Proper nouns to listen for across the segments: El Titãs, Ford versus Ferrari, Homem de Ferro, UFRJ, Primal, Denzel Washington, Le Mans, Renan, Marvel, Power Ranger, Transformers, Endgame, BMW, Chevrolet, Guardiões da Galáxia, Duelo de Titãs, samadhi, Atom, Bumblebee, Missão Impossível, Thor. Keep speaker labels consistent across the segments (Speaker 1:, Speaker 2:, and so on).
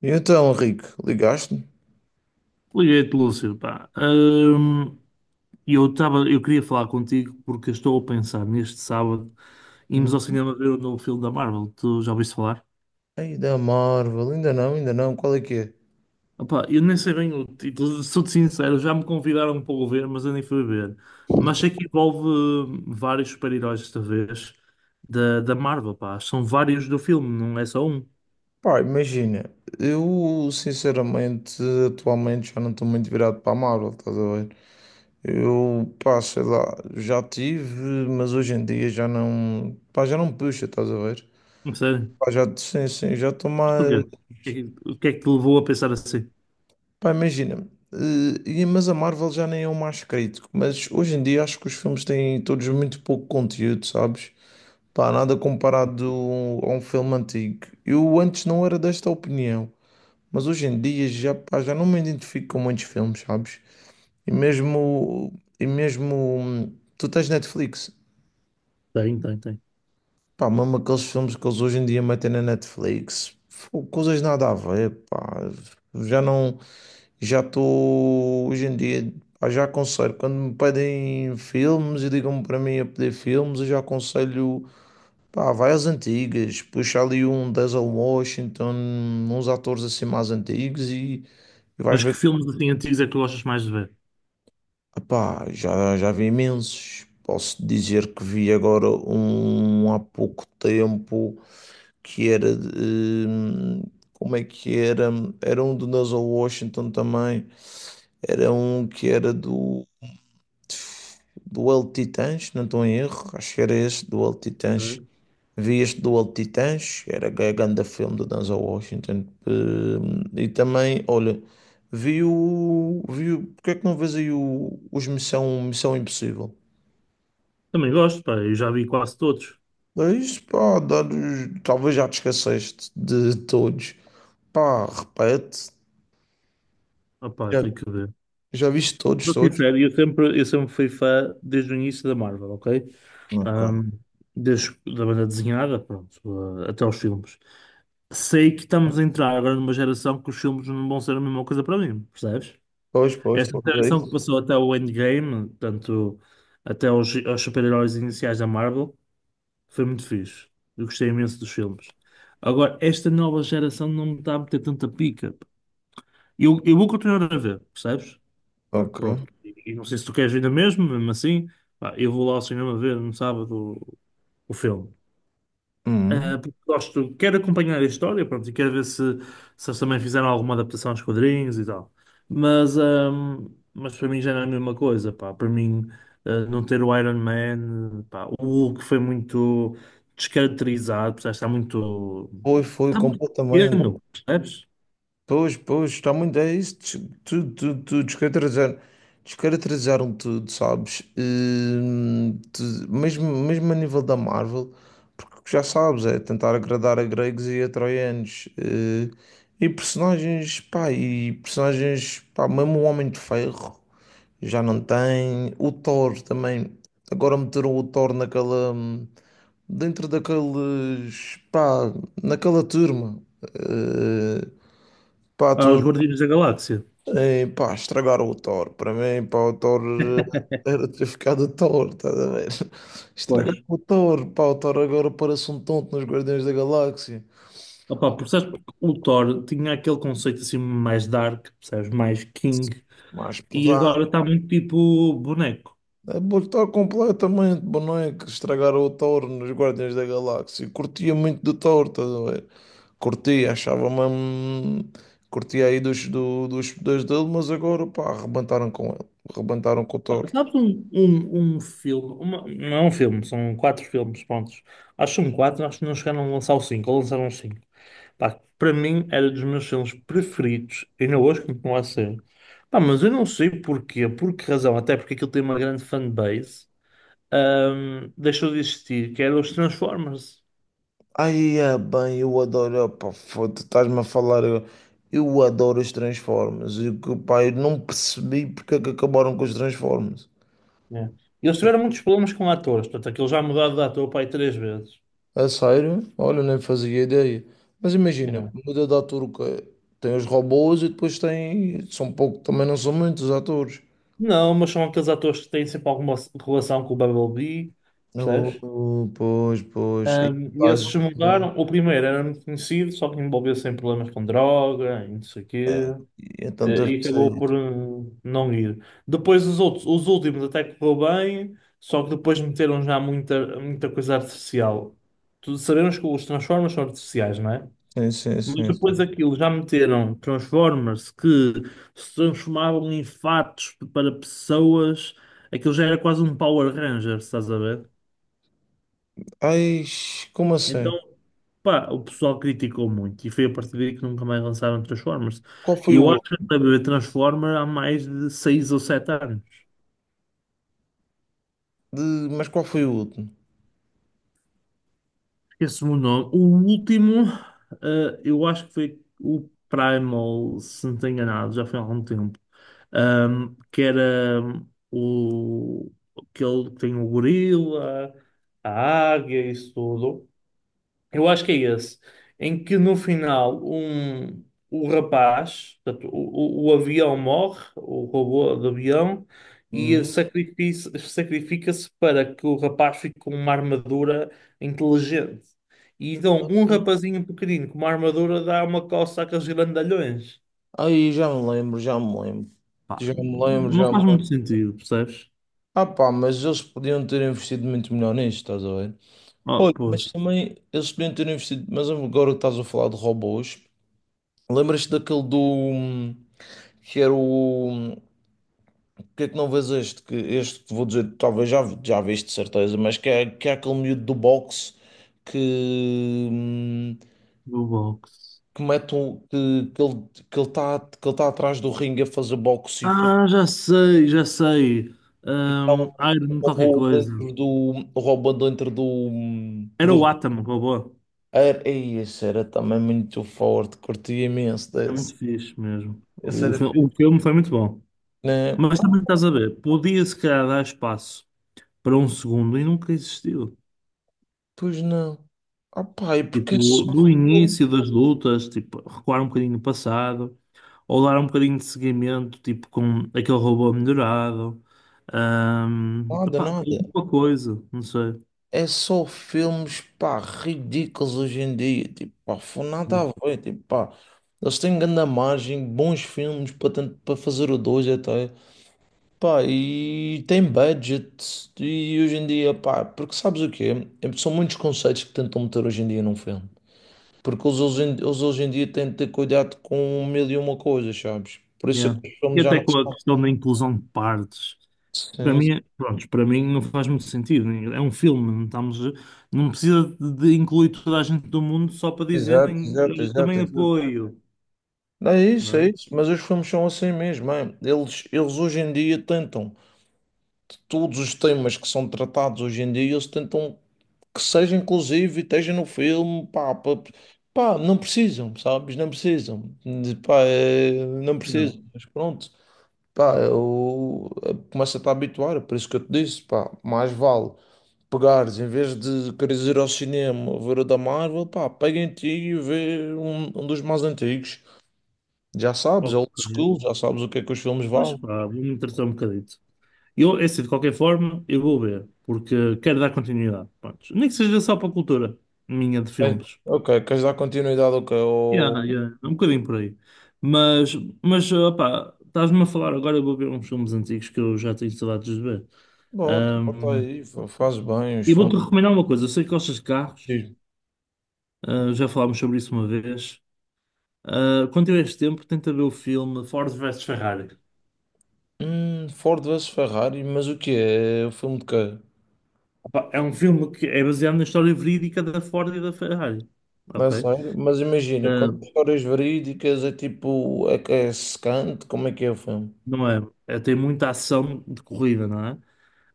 Speaker 1: E então, Henrique, ligaste-me?
Speaker 2: Liguei-te, Lúcio, pá. Eu queria falar contigo porque estou a pensar neste sábado irmos
Speaker 1: Hum.
Speaker 2: ao cinema ver o novo filme da Marvel. Tu já ouviste falar?
Speaker 1: Ei, da Marvel, ainda não, qual é que é?
Speaker 2: Opá, eu nem sei bem o título, sou-te sincero, já me convidaram para o ver, mas eu nem fui ver. Mas sei que envolve vários super-heróis desta vez da Marvel, pá. São vários do filme, não é só um.
Speaker 1: Pá, imagina, eu sinceramente, atualmente já não estou muito virado para a Marvel, estás a ver? Eu, pá, sei lá, já tive, mas hoje em dia já não, pá, já não me puxa, estás a ver?
Speaker 2: Não sei.
Speaker 1: Pá, já, sim, sim, já estou
Speaker 2: Mas porquê? O
Speaker 1: mais,
Speaker 2: que é que o que é que te levou a pensar assim?
Speaker 1: pá, imagina, mas a Marvel já nem é o mais crítico, mas hoje em dia acho que os filmes têm todos muito pouco conteúdo, sabes? Pá, nada comparado a um filme antigo. Eu antes não era desta opinião, mas hoje em dia já, pá, já não me identifico com muitos filmes, sabes? E mesmo, e mesmo tu tens Netflix,
Speaker 2: Tem, tem, tem.
Speaker 1: pá, mesmo aqueles filmes que eles hoje em dia metem na Netflix, fô, coisas nada a ver, pá. Já não, já estou hoje em dia, pá, já aconselho. Quando me pedem filmes e digam-me para mim a pedir filmes, eu já aconselho. Pá, vai às antigas, puxa ali um Denzel Washington, uns atores assim mais antigos e vais
Speaker 2: Mas que
Speaker 1: ver.
Speaker 2: filmes assim antigos é que tu gostas mais de ver?
Speaker 1: Pá, já, já vi imensos. Posso dizer que vi agora um há pouco tempo que como é que era? Era um do Denzel Washington também. Era um que era do El Titãs, não estou em erro. Acho que era esse, do El Titãs. Vi este Duelo de Titãs, era a grande filme do Denzel Washington. E também, olha, Vi o porque é que não vês aí Missão Impossível?
Speaker 2: Também gosto, pá, eu já vi quase todos.
Speaker 1: É isso, talvez já te esqueceste de todos. Pá, repete.
Speaker 2: Ah, pá,
Speaker 1: Já,
Speaker 2: tenho que ver.
Speaker 1: já viste todos,
Speaker 2: Sou
Speaker 1: todos?
Speaker 2: sincero, eu sempre fui fã desde o início da Marvel, ok?
Speaker 1: Ok.
Speaker 2: Ahm, desde da banda desenhada, pronto, até aos filmes. Sei que estamos a entrar agora numa geração que os filmes não vão ser a mesma coisa para mim, percebes?
Speaker 1: Pois, pois,
Speaker 2: Esta
Speaker 1: pois, é
Speaker 2: geração que
Speaker 1: isso.
Speaker 2: passou até o Endgame, portanto, até aos super-heróis iniciais da Marvel, foi muito fixe. Eu gostei imenso dos filmes. Agora, esta nova geração não me está a meter tanta pica. Eu vou continuar a ver, percebes? Pá,
Speaker 1: Ok.
Speaker 2: pronto. E não sei se tu queres ver ainda mesmo, mesmo assim, pá, eu vou lá ao cinema ver no sábado o, o filme.
Speaker 1: Uhum.
Speaker 2: Ah, porque gosto, quero acompanhar a história, pronto, e quero ver se, se eles também fizeram alguma adaptação aos quadrinhos e tal. Mas para mim já não é a mesma coisa, pá. Para mim, não ter o Iron Man, pá, o Hulk foi muito descaracterizado, percebes?
Speaker 1: Foi, foi
Speaker 2: Está muito
Speaker 1: completamente.
Speaker 2: pequeno, percebes?
Speaker 1: Pois, pois, está muito. Tudo, tudo, tudo. Descaracterizaram, descaracterizaram tudo, sabes? Mesmo, mesmo a nível da Marvel, porque já sabes, é tentar agradar a gregos e a troianos. E personagens, pá, mesmo o Homem de Ferro já não tem. O Thor também. Agora meteram o Thor naquela. Dentro daqueles, pá, naquela turma. eh, Pá,
Speaker 2: Aos Guardiões da Galáxia.
Speaker 1: pá, estragaram o Thor. Para mim, pá, era ter ficado o Thor, estás a ver?
Speaker 2: Pois.
Speaker 1: Estragaram o Thor, pá, o Thor agora parece um tonto nos Guardiões da Galáxia.
Speaker 2: Opa, porque sabes, porque o Thor tinha aquele conceito assim mais dark, percebes? Mais king.
Speaker 1: Mais
Speaker 2: E agora
Speaker 1: pesado.
Speaker 2: está muito tipo boneco.
Speaker 1: É botar completamente boneco, estragaram o Thor nos Guardiões da Galáxia. Curtia muito do Thor, estás a ver? Curtia, achava mesmo. Curtia aí dos poderes dele, mas agora, pá, arrebentaram com ele. Arrebentaram com o Thor.
Speaker 2: Sabes um filme, não é um filme, são quatro filmes, prontos. Acho que são quatro, acho que não chegaram a lançar o cinco, ou lançaram os cinco. Pá, para mim era dos meus filmes preferidos, ainda hoje continua a ser. Pá, mas eu não sei porquê, por que razão, até porque aquilo tem uma grande fanbase, deixou de existir, que era os Transformers.
Speaker 1: Aí é bem, eu adoro, opa, foda, estás-me a falar, eu adoro os Transformers, e que, pá, eu não percebi porque é que acabaram com os Transformers.
Speaker 2: Yeah. Eles tiveram muitos problemas com atores, portanto, aquilo já mudaram de ator para aí três vezes.
Speaker 1: A sério? Olha, nem fazia ideia. Mas imagina,
Speaker 2: Yeah.
Speaker 1: muda de ator o quê? Tem os robôs e depois tem, são pouco, também não são muitos atores.
Speaker 2: Não, mas são aqueles atores que têm sempre alguma relação com o Bumblebee,
Speaker 1: Oh,
Speaker 2: percebes?
Speaker 1: oh, pois, pois. E
Speaker 2: E
Speaker 1: quase-
Speaker 2: esses se mudaram. O primeiro era muito conhecido, só que envolveu-se em problemas com droga e não sei o quê,
Speaker 1: É, é tanta
Speaker 2: e acabou
Speaker 1: coisa.
Speaker 2: por não ir. Depois os outros, os últimos até que correu bem, só que depois meteram já muita coisa artificial. Tu sabemos que os Transformers são artificiais, não é?
Speaker 1: Sim, sim,
Speaker 2: Mas
Speaker 1: sim,
Speaker 2: depois
Speaker 1: sim.
Speaker 2: aquilo já meteram Transformers que se transformavam em fatos para pessoas, aquilo já era quase um Power Ranger, estás a ver?
Speaker 1: Ai, como assim?
Speaker 2: Então, pá, o pessoal criticou muito e foi a partir daí que nunca mais lançaram Transformers.
Speaker 1: Qual
Speaker 2: E
Speaker 1: foi o
Speaker 2: eu acho
Speaker 1: outro?
Speaker 2: que a ver Transformers há mais de 6 ou 7 anos.
Speaker 1: De- mas qual foi o último?
Speaker 2: Esse me o nome. O último, eu acho que foi o Primal, se não estou enganado, já foi há algum tempo. Que era o aquele que tem o gorila, a águia, isso tudo. Eu acho que é esse, em que no final o rapaz, portanto, o avião morre, o robô do avião, e sacrifica-se para que o rapaz fique com uma armadura inteligente. E então, um rapazinho pequenino com uma armadura dá uma coça àqueles grandalhões.
Speaker 1: Aí já me lembro, já me lembro.
Speaker 2: Pá,
Speaker 1: Já me lembro,
Speaker 2: não
Speaker 1: já me
Speaker 2: faz muito
Speaker 1: lembro.
Speaker 2: sentido, percebes?
Speaker 1: Ah pá, mas eles podiam ter investido muito melhor nisto, estás a ver?
Speaker 2: Oh,
Speaker 1: Olha,
Speaker 2: pô,
Speaker 1: mas também eles podiam ter investido. Mas agora que estás a falar de robôs, lembras-te daquele do. Que era o. que é que não vês este? Que este que te vou dizer, talvez já, já viste de certeza, mas que é aquele miúdo do boxe que.
Speaker 2: do box.
Speaker 1: Que mete um. Que ele está que ele tá atrás do ringue a fazer boxe.
Speaker 2: Ah, já sei, já sei.
Speaker 1: Então,
Speaker 2: Iron
Speaker 1: o
Speaker 2: qualquer
Speaker 1: robô
Speaker 2: coisa.
Speaker 1: dentro do, o robô dentro do,
Speaker 2: Era o
Speaker 1: do
Speaker 2: Atom, robô.
Speaker 1: era, ei, esse era também muito forte, curti imenso
Speaker 2: É
Speaker 1: desse.
Speaker 2: muito fixe mesmo.
Speaker 1: Esse era
Speaker 2: O
Speaker 1: fixe.
Speaker 2: filme foi muito bom.
Speaker 1: Né?
Speaker 2: Mas também estás a ver, podia se calhar dar espaço para um segundo e nunca existiu.
Speaker 1: Pois não. Ah, pai, porque é
Speaker 2: Tipo,
Speaker 1: só
Speaker 2: do
Speaker 1: filme.
Speaker 2: início das lutas, tipo, recuar um bocadinho no passado, ou dar um bocadinho de seguimento, tipo, com aquele robô melhorado.
Speaker 1: Nada,
Speaker 2: Epá,
Speaker 1: nada.
Speaker 2: alguma coisa, não sei.
Speaker 1: É só filmes, pá, ridículos hoje em dia. Tipo, pá, foi nada a ver. Tipo, pá, eles têm grande margem, bons filmes para fazer o 2 até. Pá, e tem budget e hoje em dia, pá, porque sabes o quê? São muitos conceitos que tentam meter hoje em dia num filme. Porque eles eles hoje em dia têm de ter cuidado com mil e uma coisas, sabes? Por isso é
Speaker 2: Yeah.
Speaker 1: que os
Speaker 2: E
Speaker 1: filmes já
Speaker 2: até
Speaker 1: não
Speaker 2: com a
Speaker 1: são
Speaker 2: questão da
Speaker 1: tão...
Speaker 2: inclusão de partes. Para
Speaker 1: Sim, sim.
Speaker 2: mim, pronto, para mim não faz muito sentido. É um filme, não estamos, não precisa de incluir toda a gente do mundo só para
Speaker 1: Exato,
Speaker 2: dizerem eu
Speaker 1: exato, exato,
Speaker 2: também
Speaker 1: exato.
Speaker 2: apoio,
Speaker 1: É isso,
Speaker 2: não
Speaker 1: é
Speaker 2: é?
Speaker 1: isso. Mas os filmes são assim mesmo, é. Eles hoje em dia tentam, todos os temas que são tratados hoje em dia, eles tentam que seja inclusive, esteja no filme, pá, pá, pá, não precisam, sabes? Não precisam, pá, é, não precisam,
Speaker 2: Não.
Speaker 1: mas pronto, pá, começo a te habituar, é por isso que eu te disse, pá, mais vale pegares, em vez de queres ir ao cinema ver o da Marvel, pá, pega em ti e vê um, um dos mais antigos, já sabes, é old
Speaker 2: Ok.
Speaker 1: school, já sabes o que é que os filmes
Speaker 2: Pois
Speaker 1: valem.
Speaker 2: pá, vou me interessar um bocadito. Eu, é assim, de qualquer forma, eu vou ver, porque quero dar continuidade. Pronto. Nem que seja só para a cultura minha de
Speaker 1: É,
Speaker 2: filmes.
Speaker 1: ok, queres dar continuidade ao que
Speaker 2: Yeah,
Speaker 1: eu...
Speaker 2: yeah, é um bocadinho por aí. Mas, mas opá, estás-me a falar agora, eu vou ver uns filmes antigos que eu já tenho saudades de ver.
Speaker 1: Bota, bota
Speaker 2: Ahm,
Speaker 1: aí, faz bem os
Speaker 2: e vou-te recomendar uma coisa, eu sei que gostas de carros,
Speaker 1: filmes.
Speaker 2: já falámos sobre isso uma vez. Ah, quando tiveres tempo, tenta ver o filme Ford versus Ferrari.
Speaker 1: Ford versus Ferrari, mas o que é? O filme de quê?
Speaker 2: Opá, é um filme que é baseado na história verídica da Ford e da Ferrari.
Speaker 1: Não é
Speaker 2: Ok?
Speaker 1: sério? Mas imagina,
Speaker 2: Ah,
Speaker 1: quando histórias verídicas é tipo, é, que é secante, como é que é o filme?
Speaker 2: não é, tem muita ação de corrida, não é?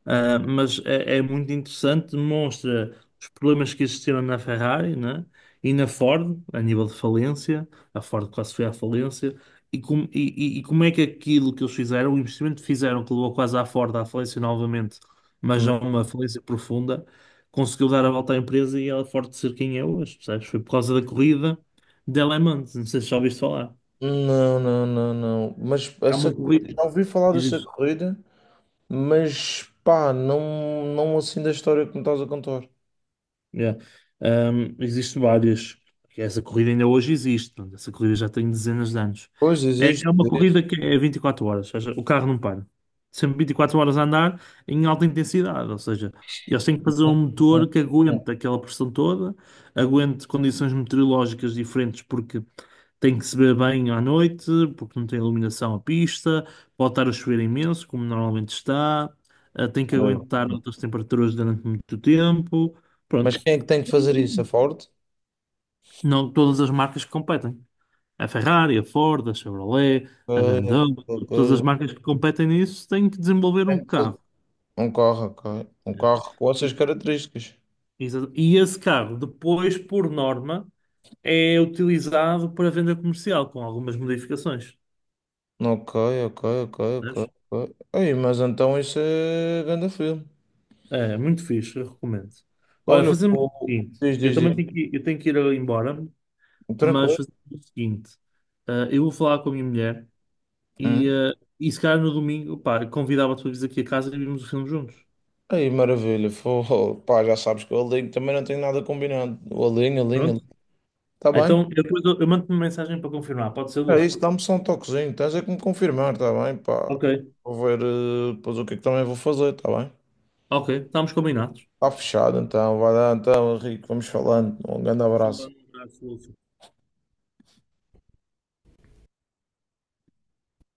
Speaker 2: Ah, mas é, é muito interessante, demonstra os problemas que existiram na Ferrari, né? E na Ford, a nível de falência, a Ford quase foi à falência, e, e como é que aquilo que eles fizeram, o investimento que fizeram, que levou quase à Ford à falência novamente, mas
Speaker 1: Hum,
Speaker 2: já uma falência profunda, conseguiu dar a volta à empresa e a Ford ser quem é hoje, percebes? Foi por causa da corrida de Le Mans, não sei se já ouviste falar.
Speaker 1: Não, não, não, não. Mas
Speaker 2: Há uma
Speaker 1: essa,
Speaker 2: corrida.
Speaker 1: já ouvi falar dessa corrida, mas pá, não, não assim da história que me estás a contar.
Speaker 2: Yeah. Existem várias. Essa corrida ainda hoje existe. Portanto, essa corrida já tem dezenas de anos.
Speaker 1: Pois
Speaker 2: É,
Speaker 1: existe,
Speaker 2: é uma corrida
Speaker 1: existe.
Speaker 2: que é 24 horas, ou seja, o carro não para. Sempre 24 horas a andar em alta intensidade, ou seja, eles têm que fazer um
Speaker 1: um-
Speaker 2: motor que
Speaker 1: um-
Speaker 2: aguente aquela pressão toda, aguente condições meteorológicas diferentes, porque tem que se ver bem à noite, porque não tem iluminação à pista, pode estar a chover imenso, como normalmente está, tem que
Speaker 1: um,
Speaker 2: aguentar altas temperaturas durante muito tempo.
Speaker 1: mas
Speaker 2: Pronto,
Speaker 1: quem é que tem que fazer isso? A Ford?
Speaker 2: não todas as marcas que competem. A Ferrari, a Ford, a Chevrolet, a
Speaker 1: Ok,
Speaker 2: BMW, todas as
Speaker 1: ok.
Speaker 2: marcas que competem nisso têm que desenvolver um
Speaker 1: Tem que
Speaker 2: carro.
Speaker 1: fazer- Um carro, ok. Um carro com
Speaker 2: E
Speaker 1: essas características.
Speaker 2: e esse carro, depois, por norma, é utilizado para venda comercial, com algumas modificações.
Speaker 1: Ok, ok, ok, ok, ok. Ei, mas então isso é grande filme.
Speaker 2: É, muito fixe, eu recomendo. Olha,
Speaker 1: Olha,
Speaker 2: fazemos o
Speaker 1: pô,
Speaker 2: seguinte:
Speaker 1: diz, diz, diz.
Speaker 2: eu tenho que ir embora, mas
Speaker 1: Tranquilo.
Speaker 2: fazemos o seguinte: eu vou falar com a minha mulher e,
Speaker 1: Hum.
Speaker 2: e se calhar no domingo, pá, convidava-te para vires aqui a casa e vimos o filme juntos.
Speaker 1: Aí, maravilha. Fô, pá, já sabes que o Alinho também não tem nada combinado. O Alinho, Alinho, Alinho.
Speaker 2: Pronto?
Speaker 1: Tá bem?
Speaker 2: Então, eu mando-te uma mensagem para confirmar, pode ser,
Speaker 1: É
Speaker 2: Lúcio?
Speaker 1: isso, dá-me só um toquezinho. Tens é que me confirmar, tá bem? Pá,
Speaker 2: Ok,
Speaker 1: depois o que é que também vou fazer, tá bem?
Speaker 2: ok, estamos combinados.
Speaker 1: Tá fechado então. Vai lá então, Henrique. Vamos falando. Um grande
Speaker 2: Vamos falar
Speaker 1: abraço.
Speaker 2: um abraço, Lúcio.